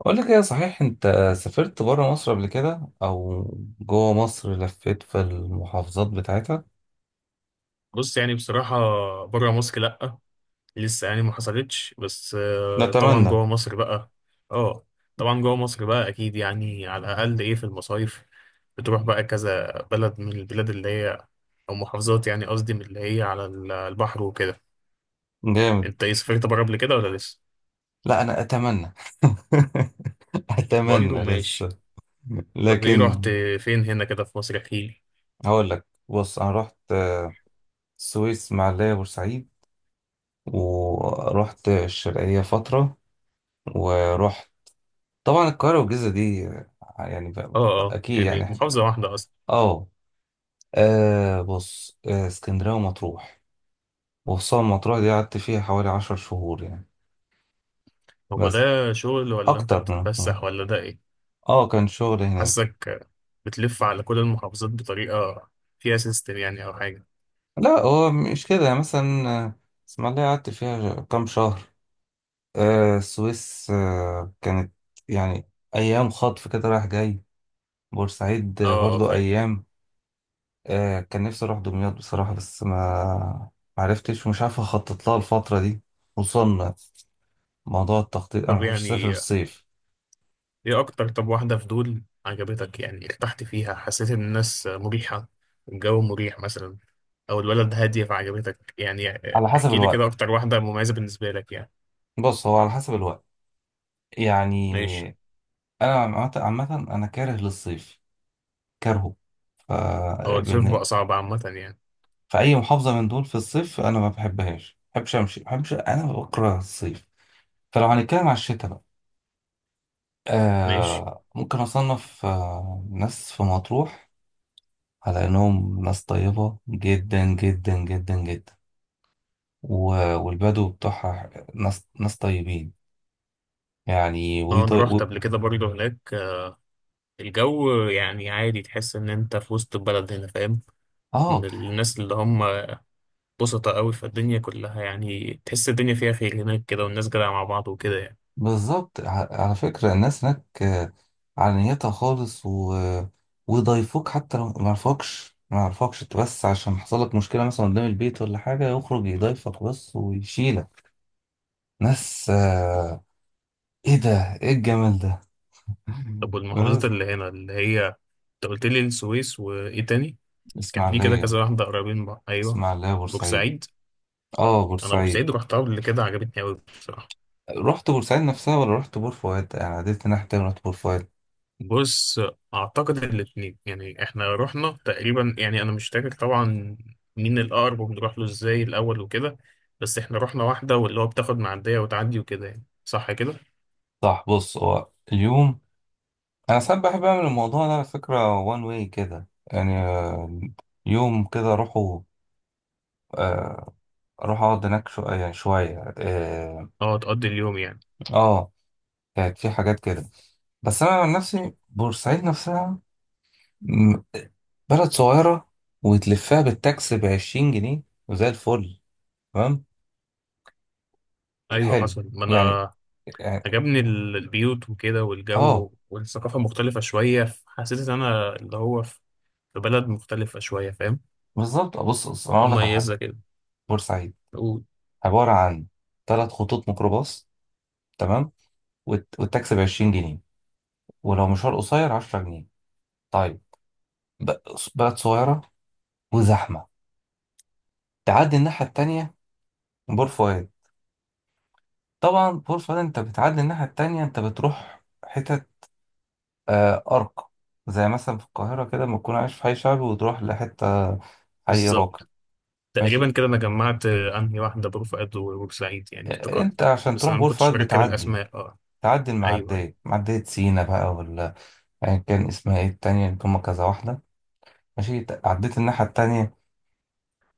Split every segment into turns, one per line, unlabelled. أقول لك إيه؟ صحيح أنت سافرت برا مصر قبل كده، أو جوه مصر لفيت في المحافظات بتاعتها؟
بص، يعني بصراحة، بره مصر لأ، لسه يعني ما حصلتش. بس طبعا
نتمنى.
جوه مصر بقى. اه، طبعا جوه مصر بقى أكيد، يعني على الأقل إيه في المصايف. بتروح بقى كذا بلد من البلاد اللي هي، أو محافظات، يعني قصدي من اللي هي على البحر وكده.
جامد.
أنت إيه، سافرت بره قبل كده ولا لسه؟
لا أنا أتمنى.
برضه
أتمنى لسه،
ماشي. طب إيه،
لكن
رحت فين هنا كده في مصر؟ أحكيلي.
هقول لك. بص، أنا رحت السويس، معلية بورسعيد، ورحت الشرقية فترة، ورحت طبعا القاهرة والجيزة دي.
اه، اه،
أكيد يعني
يعني
إحنا
محافظة واحدة أصلا.
آه. آه، بص آه، اسكندرية ومطروح، وخصوصا مطروح دي قعدت فيها حوالي عشر شهور يعني.
هو
بس
ده شغل ولا أنت
أكتر من مطروح.
بتتفسح ولا ده إيه؟
اه كان شغل هناك.
حاسك بتلف على كل المحافظات بطريقة فيها سيستم، يعني أو حاجة.
لا هو مش كده. يعني مثلا اسماعيلية قعدت فيها كام شهر. السويس كانت يعني أيام خطف كده، رايح جاي. بورسعيد
اه، اه،
برضو
فاهم.
أيام. كان نفسي أروح دمياط بصراحة، بس ما معرفتش، ومش عارف أخطط لها الفترة دي. خصوصا موضوع التخطيط، أنا ما
طب
بحبش أسافر
يعني
الصيف.
ايه أكتر؟ طب واحدة في دول عجبتك، يعني ارتحت فيها، حسيت إن الناس مريحة، الجو مريح مثلا، أو البلد هادية فعجبتك يعني.
على حسب
احكي لي كده
الوقت.
أكتر واحدة مميزة بالنسبة لك يعني.
بص، هو على حسب الوقت
ماشي.
يعني. انا عامه عامة انا كاره للصيف، كارهه. ف
هو الصيف
بن-
بقى صعب عامة يعني.
فاي محافظه من دول في الصيف انا ما بحبهاش، ما بحبش امشي، ما بحبش. انا بكره الصيف. فلو هنتكلم على الشتاء بقى،
ماشي.
آه ممكن اصنف آه ناس في مطروح على انهم ناس طيبه جدا جدا جدا جدا. والبدو بتوعها ناس طيبين يعني.
اه، أنا رحت قبل كده برضه هناك. الجو يعني عادي، تحس إن أنت في وسط البلد هنا، فاهم. من
اه
الناس اللي هم بسطة قوي في الدنيا كلها، يعني تحس الدنيا فيها خير هناك كده، والناس جدعة مع بعض وكده يعني.
بالظبط. على فكرة الناس هناك على نيتها خالص. ويضايفوك حتى لو ما يعرفكش، انت، بس عشان حصل لك مشكلة مثلا قدام البيت ولا حاجة، يخرج يضايفك بس ويشيلك. ناس ايه ده، ايه الجمال ده.
طب والمحافظات اللي هنا اللي هي، انت قلت لي السويس وايه تاني؟
بس
كان في كده
اسماعيلية.
كذا واحدة قريبين من بعض. ايوه،
بورسعيد.
بورسعيد.
اه
انا
بورسعيد.
بورسعيد رحتها قبل كده، عجبتني قوي بصراحة.
رحت بورسعيد نفسها ولا رحت بور فؤاد؟ انا عديت ناحية تانية، رحت بور فؤاد.
بص، اعتقد الاتنين. يعني احنا رحنا تقريبا، يعني انا مش فاكر طبعا مين الاقرب وبنروح له ازاي الاول وكده. بس احنا رحنا واحدة، واللي هو بتاخد معدية وتعدي وكده يعني، صح كده.
صح. بص هو اليوم، انا ساعات بحب اعمل الموضوع ده، على فكره، وان واي كده. يعني يوم كده اروحه، آه، اروح اقعد هناك شو يعني شويه. اه
اه، تقضي اليوم يعني.
آه، كانت في حاجات كده. بس انا عن نفسي بورسعيد نفسها م- بلد صغيره، وتلفها بالتاكس ب 20 جنيه، وزي الفل. تمام.
ايوه
حلو
حصل. ما
يعني.
انا
يعني
عجبني البيوت وكده،
اه
والجو والثقافة مختلفة شوية، حسيت إن أنا اللي هو في بلد مختلفة شوية، فاهم.
بالظبط. بص بص انا اقول لك على
مميزة
حاجه.
كده.
بورسعيد
و-
عباره عن ثلاث خطوط ميكروباص. تمام. والتاكسي ب 20 جنيه، ولو مشوار قصير 10 جنيه. طيب. ب- بلد صغيرة وزحمة. تعدي الناحية التانية، بور فؤاد. طبعا بور فؤاد، انت بتعدي الناحية التانية، انت بتروح حتت آه أرقى. زي مثلا في القاهرة كده، لما تكون عايش في حي شعبي، وتروح لحتة حي راقي.
بالظبط.
ماشي.
تقريبا كده أنا جمعت أنهي واحدة برفقت، وبورسعيد يعني
انت
افتكرت.
عشان
بس
تروح
أنا ما
بور
كنتش
فؤاد
مركب
بتعدي،
الأسماء. أه،
تعدي
أيوه، أيوه،
المعدية، معدية سينا بقى ولا أيا كان اسمها، ايه التانية اللي هما كذا واحدة. ماشي. عديت الناحية التانية.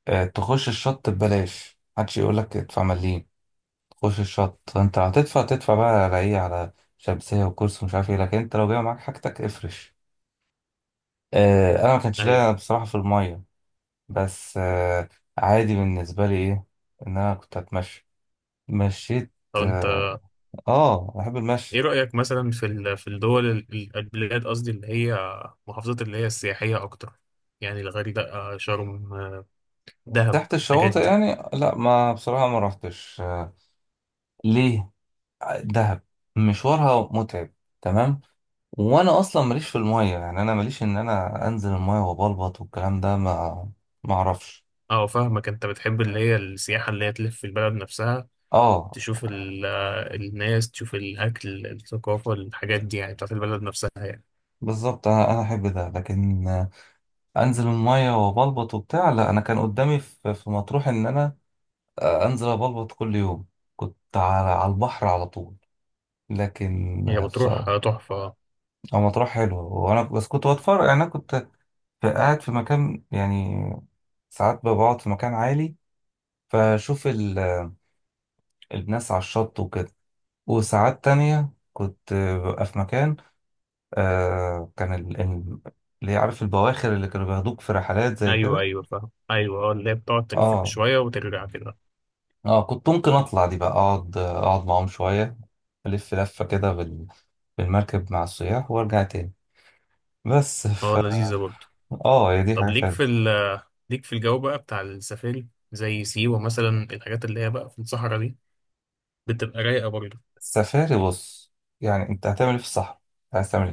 تخش الشط ببلاش، محدش يقولك ادفع مليم. خش الشط، انت هتدفع، تدفع بقى على ايه؟ على شمسية وكرسي ومش عارف ايه. لكن انت لو جاي معاك حاجتك، افرش. اه انا ما كانش
أيوه.
ليا بصراحة في المية. بس اه، عادي بالنسبة لي. ايه؟ ان انا كنت هتمشى، مشيت.
طب أنت،
اه بحب
إيه
المشي.
رأيك مثلا في في البلاد، قصدي اللي هي محافظات اللي هي السياحية أكتر؟ يعني الغردقة، شرم، دهب،
تحت
الحاجات
الشواطئ
دي.
يعني؟ لا ما بصراحة ما رحتش. اه ليه؟ دهب مشوارها متعب. تمام. وانا اصلا ماليش في المية يعني. انا ماليش ان انا انزل المية وبلبط، والكلام ده ما، ما اعرفش.
اه، فاهمك. انت بتحب اللي هي السياحة اللي هي تلف في البلد نفسها.
اه
تشوف الناس، تشوف الأكل، الثقافة، الحاجات دي يعني بتاعت البلد نفسها يعني.
بالظبط. انا احب ده، لكن انزل الميه وبلبط وبتاع لا. انا كان قدامي في مطروح ان انا انزل ابلبط كل يوم، كنت على البحر على طول. لكن
هي بتروح
بصراحه،
تحفة.
هو مطروح حلو. وانا بس كنت بتفرج يعني. انا كنت قاعد في مكان يعني. ساعات بقعد في مكان عالي، فاشوف الناس على الشط وكده. وساعات تانية كنت ببقى في مكان، آه، كان ال- ال- اللي عارف البواخر اللي كانوا بياخدوك في رحلات زي
أيوه،
كده.
أيوه، فاهم. أيوه، اه، اللي هي بتقعد تلف
اه
شوية وترجع كده.
اه كنت ممكن اطلع دي بقى، اقعد معاهم شويه، الف لفه كده بالمركب مع السياح، وارجع تاني. بس
اه،
ف...
لذيذة برضه.
اه هي دي
طب
حاجات
ليك في
حلوه.
ال آه، ليك في الجو بقى بتاع السفاري زي سيوة مثلا، الحاجات اللي هي بقى في الصحراء دي، بتبقى رايقة برضه؟
السفاري؟ بص، يعني انت هتعمل ايه في الصحراء؟ عايز تعمل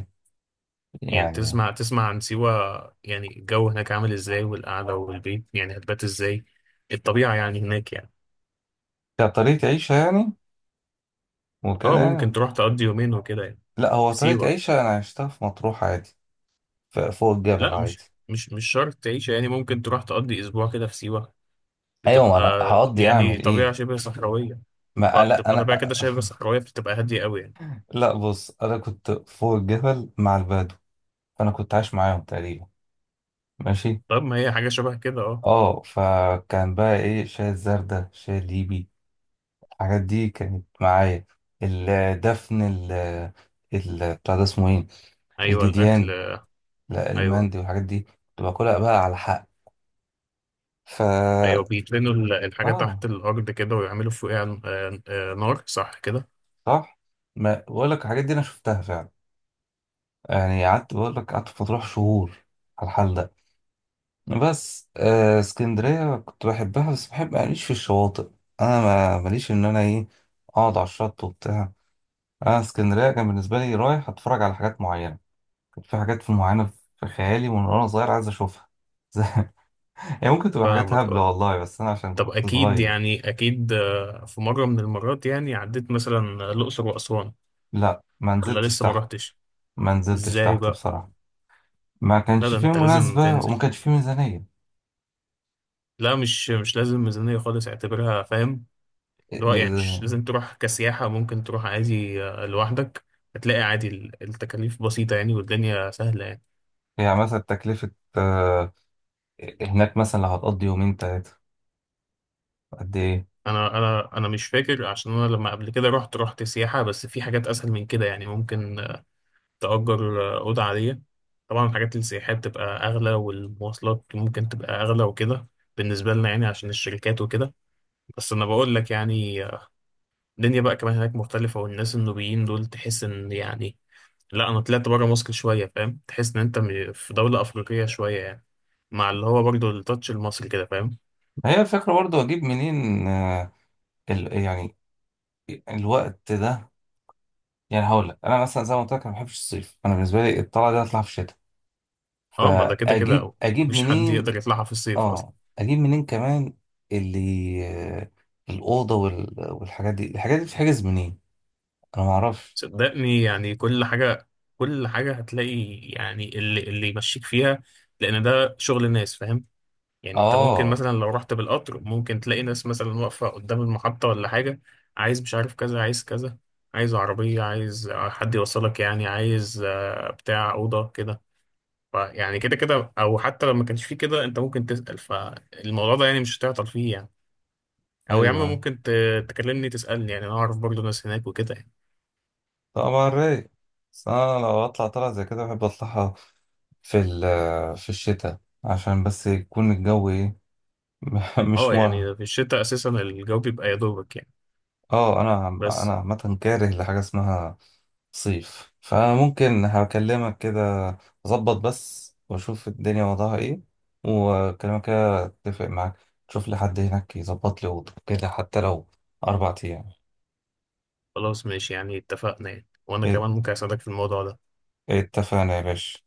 ايه
يعني
يعني؟
تسمع عن سيوة، يعني الجو هناك عامل ازاي، والقعدة والبيت يعني هتبات ازاي، الطبيعة يعني هناك يعني.
كطريقه عيشه يعني،
اه،
وكده
ممكن
يعني.
تروح تقضي يومين وكده يعني
لا هو
في
طريقه
سيوة.
عيشه انا عشتها في مطروح عادي. فوق الجبل
لا،
عادي.
مش شرط تعيش يعني، ممكن تروح تقضي اسبوع كده في سيوة،
ايوه ما
بتبقى
انا هقضي
يعني
اعمل
طبيعة
ايه؟
شبه صحراوية.
ما لا
فبتبقى
انا.
طبيعة كده شبه صحراوية، بتبقى هادية قوي يعني.
لا بص، انا كنت فوق الجبل مع البدو، فانا كنت عايش معاهم تقريبا. ماشي.
طب ما هي حاجة شبه كده. اه،
اه فكان بقى ايه، الشاي الزردة، الشاي الليبي، الحاجات دي كانت معايا. الدفن، ال ال بتاع ده اسمه ايه؟
ايوه الاكل.
الجديان. لا
ايوه،
المندي والحاجات دي كنت باكلها بقى على حق. فا
ايوه، بيدفنوا الحاجة
اه
تحت الارض كده ويعملوا فوقها نار، صح كده؟
صح. ما بقول لك الحاجات دي انا شفتها فعلا يعني. قعدت، بقول لك، قعدت في مطروح شهور على الحال ده. بس آه اسكندرية كنت بحبها، بس بحب ماليش في الشواطئ. انا ماليش ان انا ايه، اقعد على الشط وبتاع. اه اسكندريه كان بالنسبه لي رايح اتفرج على حاجات معينه. كانت في حاجات في معينه، في خيالي من وانا صغير، عايز اشوفها. زي- هي ممكن تبقى حاجات
فاهمك.
هبله
اه،
والله، بس انا عشان
طب
كنت
اكيد
صغير.
يعني اكيد، في مرة من المرات يعني عديت مثلا الاقصر واسوان،
لا ما
ولا
نزلتش
لسه ما
تحت.
رحتش؟
ما نزلتش
ازاي
تحت
بقى؟
بصراحه. ما
لا،
كانش
ده
فيه
انت لازم
مناسبه،
تنزل.
وما كانش فيه ميزانيه.
لا، مش لازم ميزانية خالص، اعتبرها، فاهم. اللي هو يعني مش
ل-
لازم تروح كسياحة، ممكن تروح عادي لوحدك. هتلاقي عادي، التكاليف بسيطة يعني والدنيا سهلة يعني.
يعني مثلا تكلفه آه، هناك مثلا لو هتقضي يومين تلاته قد ايه؟
انا مش فاكر، عشان انا لما قبل كده رحت سياحة، بس في حاجات اسهل من كده يعني. ممكن تأجر أوضة عادية. طبعا الحاجات السياحية بتبقى أغلى، والمواصلات ممكن تبقى أغلى وكده، بالنسبة لنا يعني عشان الشركات وكده. بس أنا بقول لك يعني، الدنيا بقى كمان هناك مختلفة، والناس النوبيين دول تحس إن يعني، لا، أنا طلعت بره مصر شوية، فاهم. تحس إن أنت في دولة أفريقية شوية يعني، مع اللي هو برضه التاتش المصري كده، فاهم.
ما هي الفكره برضو اجيب منين يعني الوقت ده. يعني هقول لك انا مثلا زي ما قلت لك، انا ما بحبش الصيف. انا بالنسبه لي الطلعه دي اطلع في الشتاء،
اه، ما ده كده كده،
فاجيب،
أو مفيش حد
منين؟
يقدر يطلعها في الصيف أصلا.
اه اجيب منين كمان اللي آه، الاوضه والحاجات دي، الحاجات دي بتتحجز منين؟ انا ما اعرفش.
صدقني يعني كل حاجة، كل حاجة هتلاقي يعني اللي يمشيك فيها، لأن ده شغل الناس، فاهم. يعني انت ممكن
اه
مثلا لو رحت بالقطر، ممكن تلاقي ناس مثلا واقفة قدام المحطة ولا حاجة، عايز مش عارف كذا، عايز كذا، عايز عربية، عايز حد يوصلك يعني، عايز بتاع أوضة كده. فيعني كده كده، أو حتى لو ما كانش فيه كده، أنت ممكن تسأل، فالموضوع ده يعني مش هتعطل فيه يعني. أو يا عم،
ايوه.
ممكن تكلمني تسألني، يعني أنا أعرف برضه ناس هناك وكده يعني.
طبعا رايق. بس انا لو اطلع طلعه زي كده، بحب اطلعها في الشتاء، عشان بس يكون الجو ايه، مش
أه،
مرهق.
يعني في الشتاء أساسا الجو بيبقى يا دوبك يعني.
اه انا
بس
عامه كاره لحاجه اسمها صيف، فممكن هكلمك كده، اظبط بس واشوف الدنيا وضعها ايه. وكلامك كده اتفق معاك. شوف لي حد هناك يظبط لي اوضه كده، حتى لو اربع ايام.
خلاص، ماشي يعني، اتفقنا يعني، وأنا
ات-
كمان ممكن أساعدك في الموضوع ده.
اتفقنا يا باشا.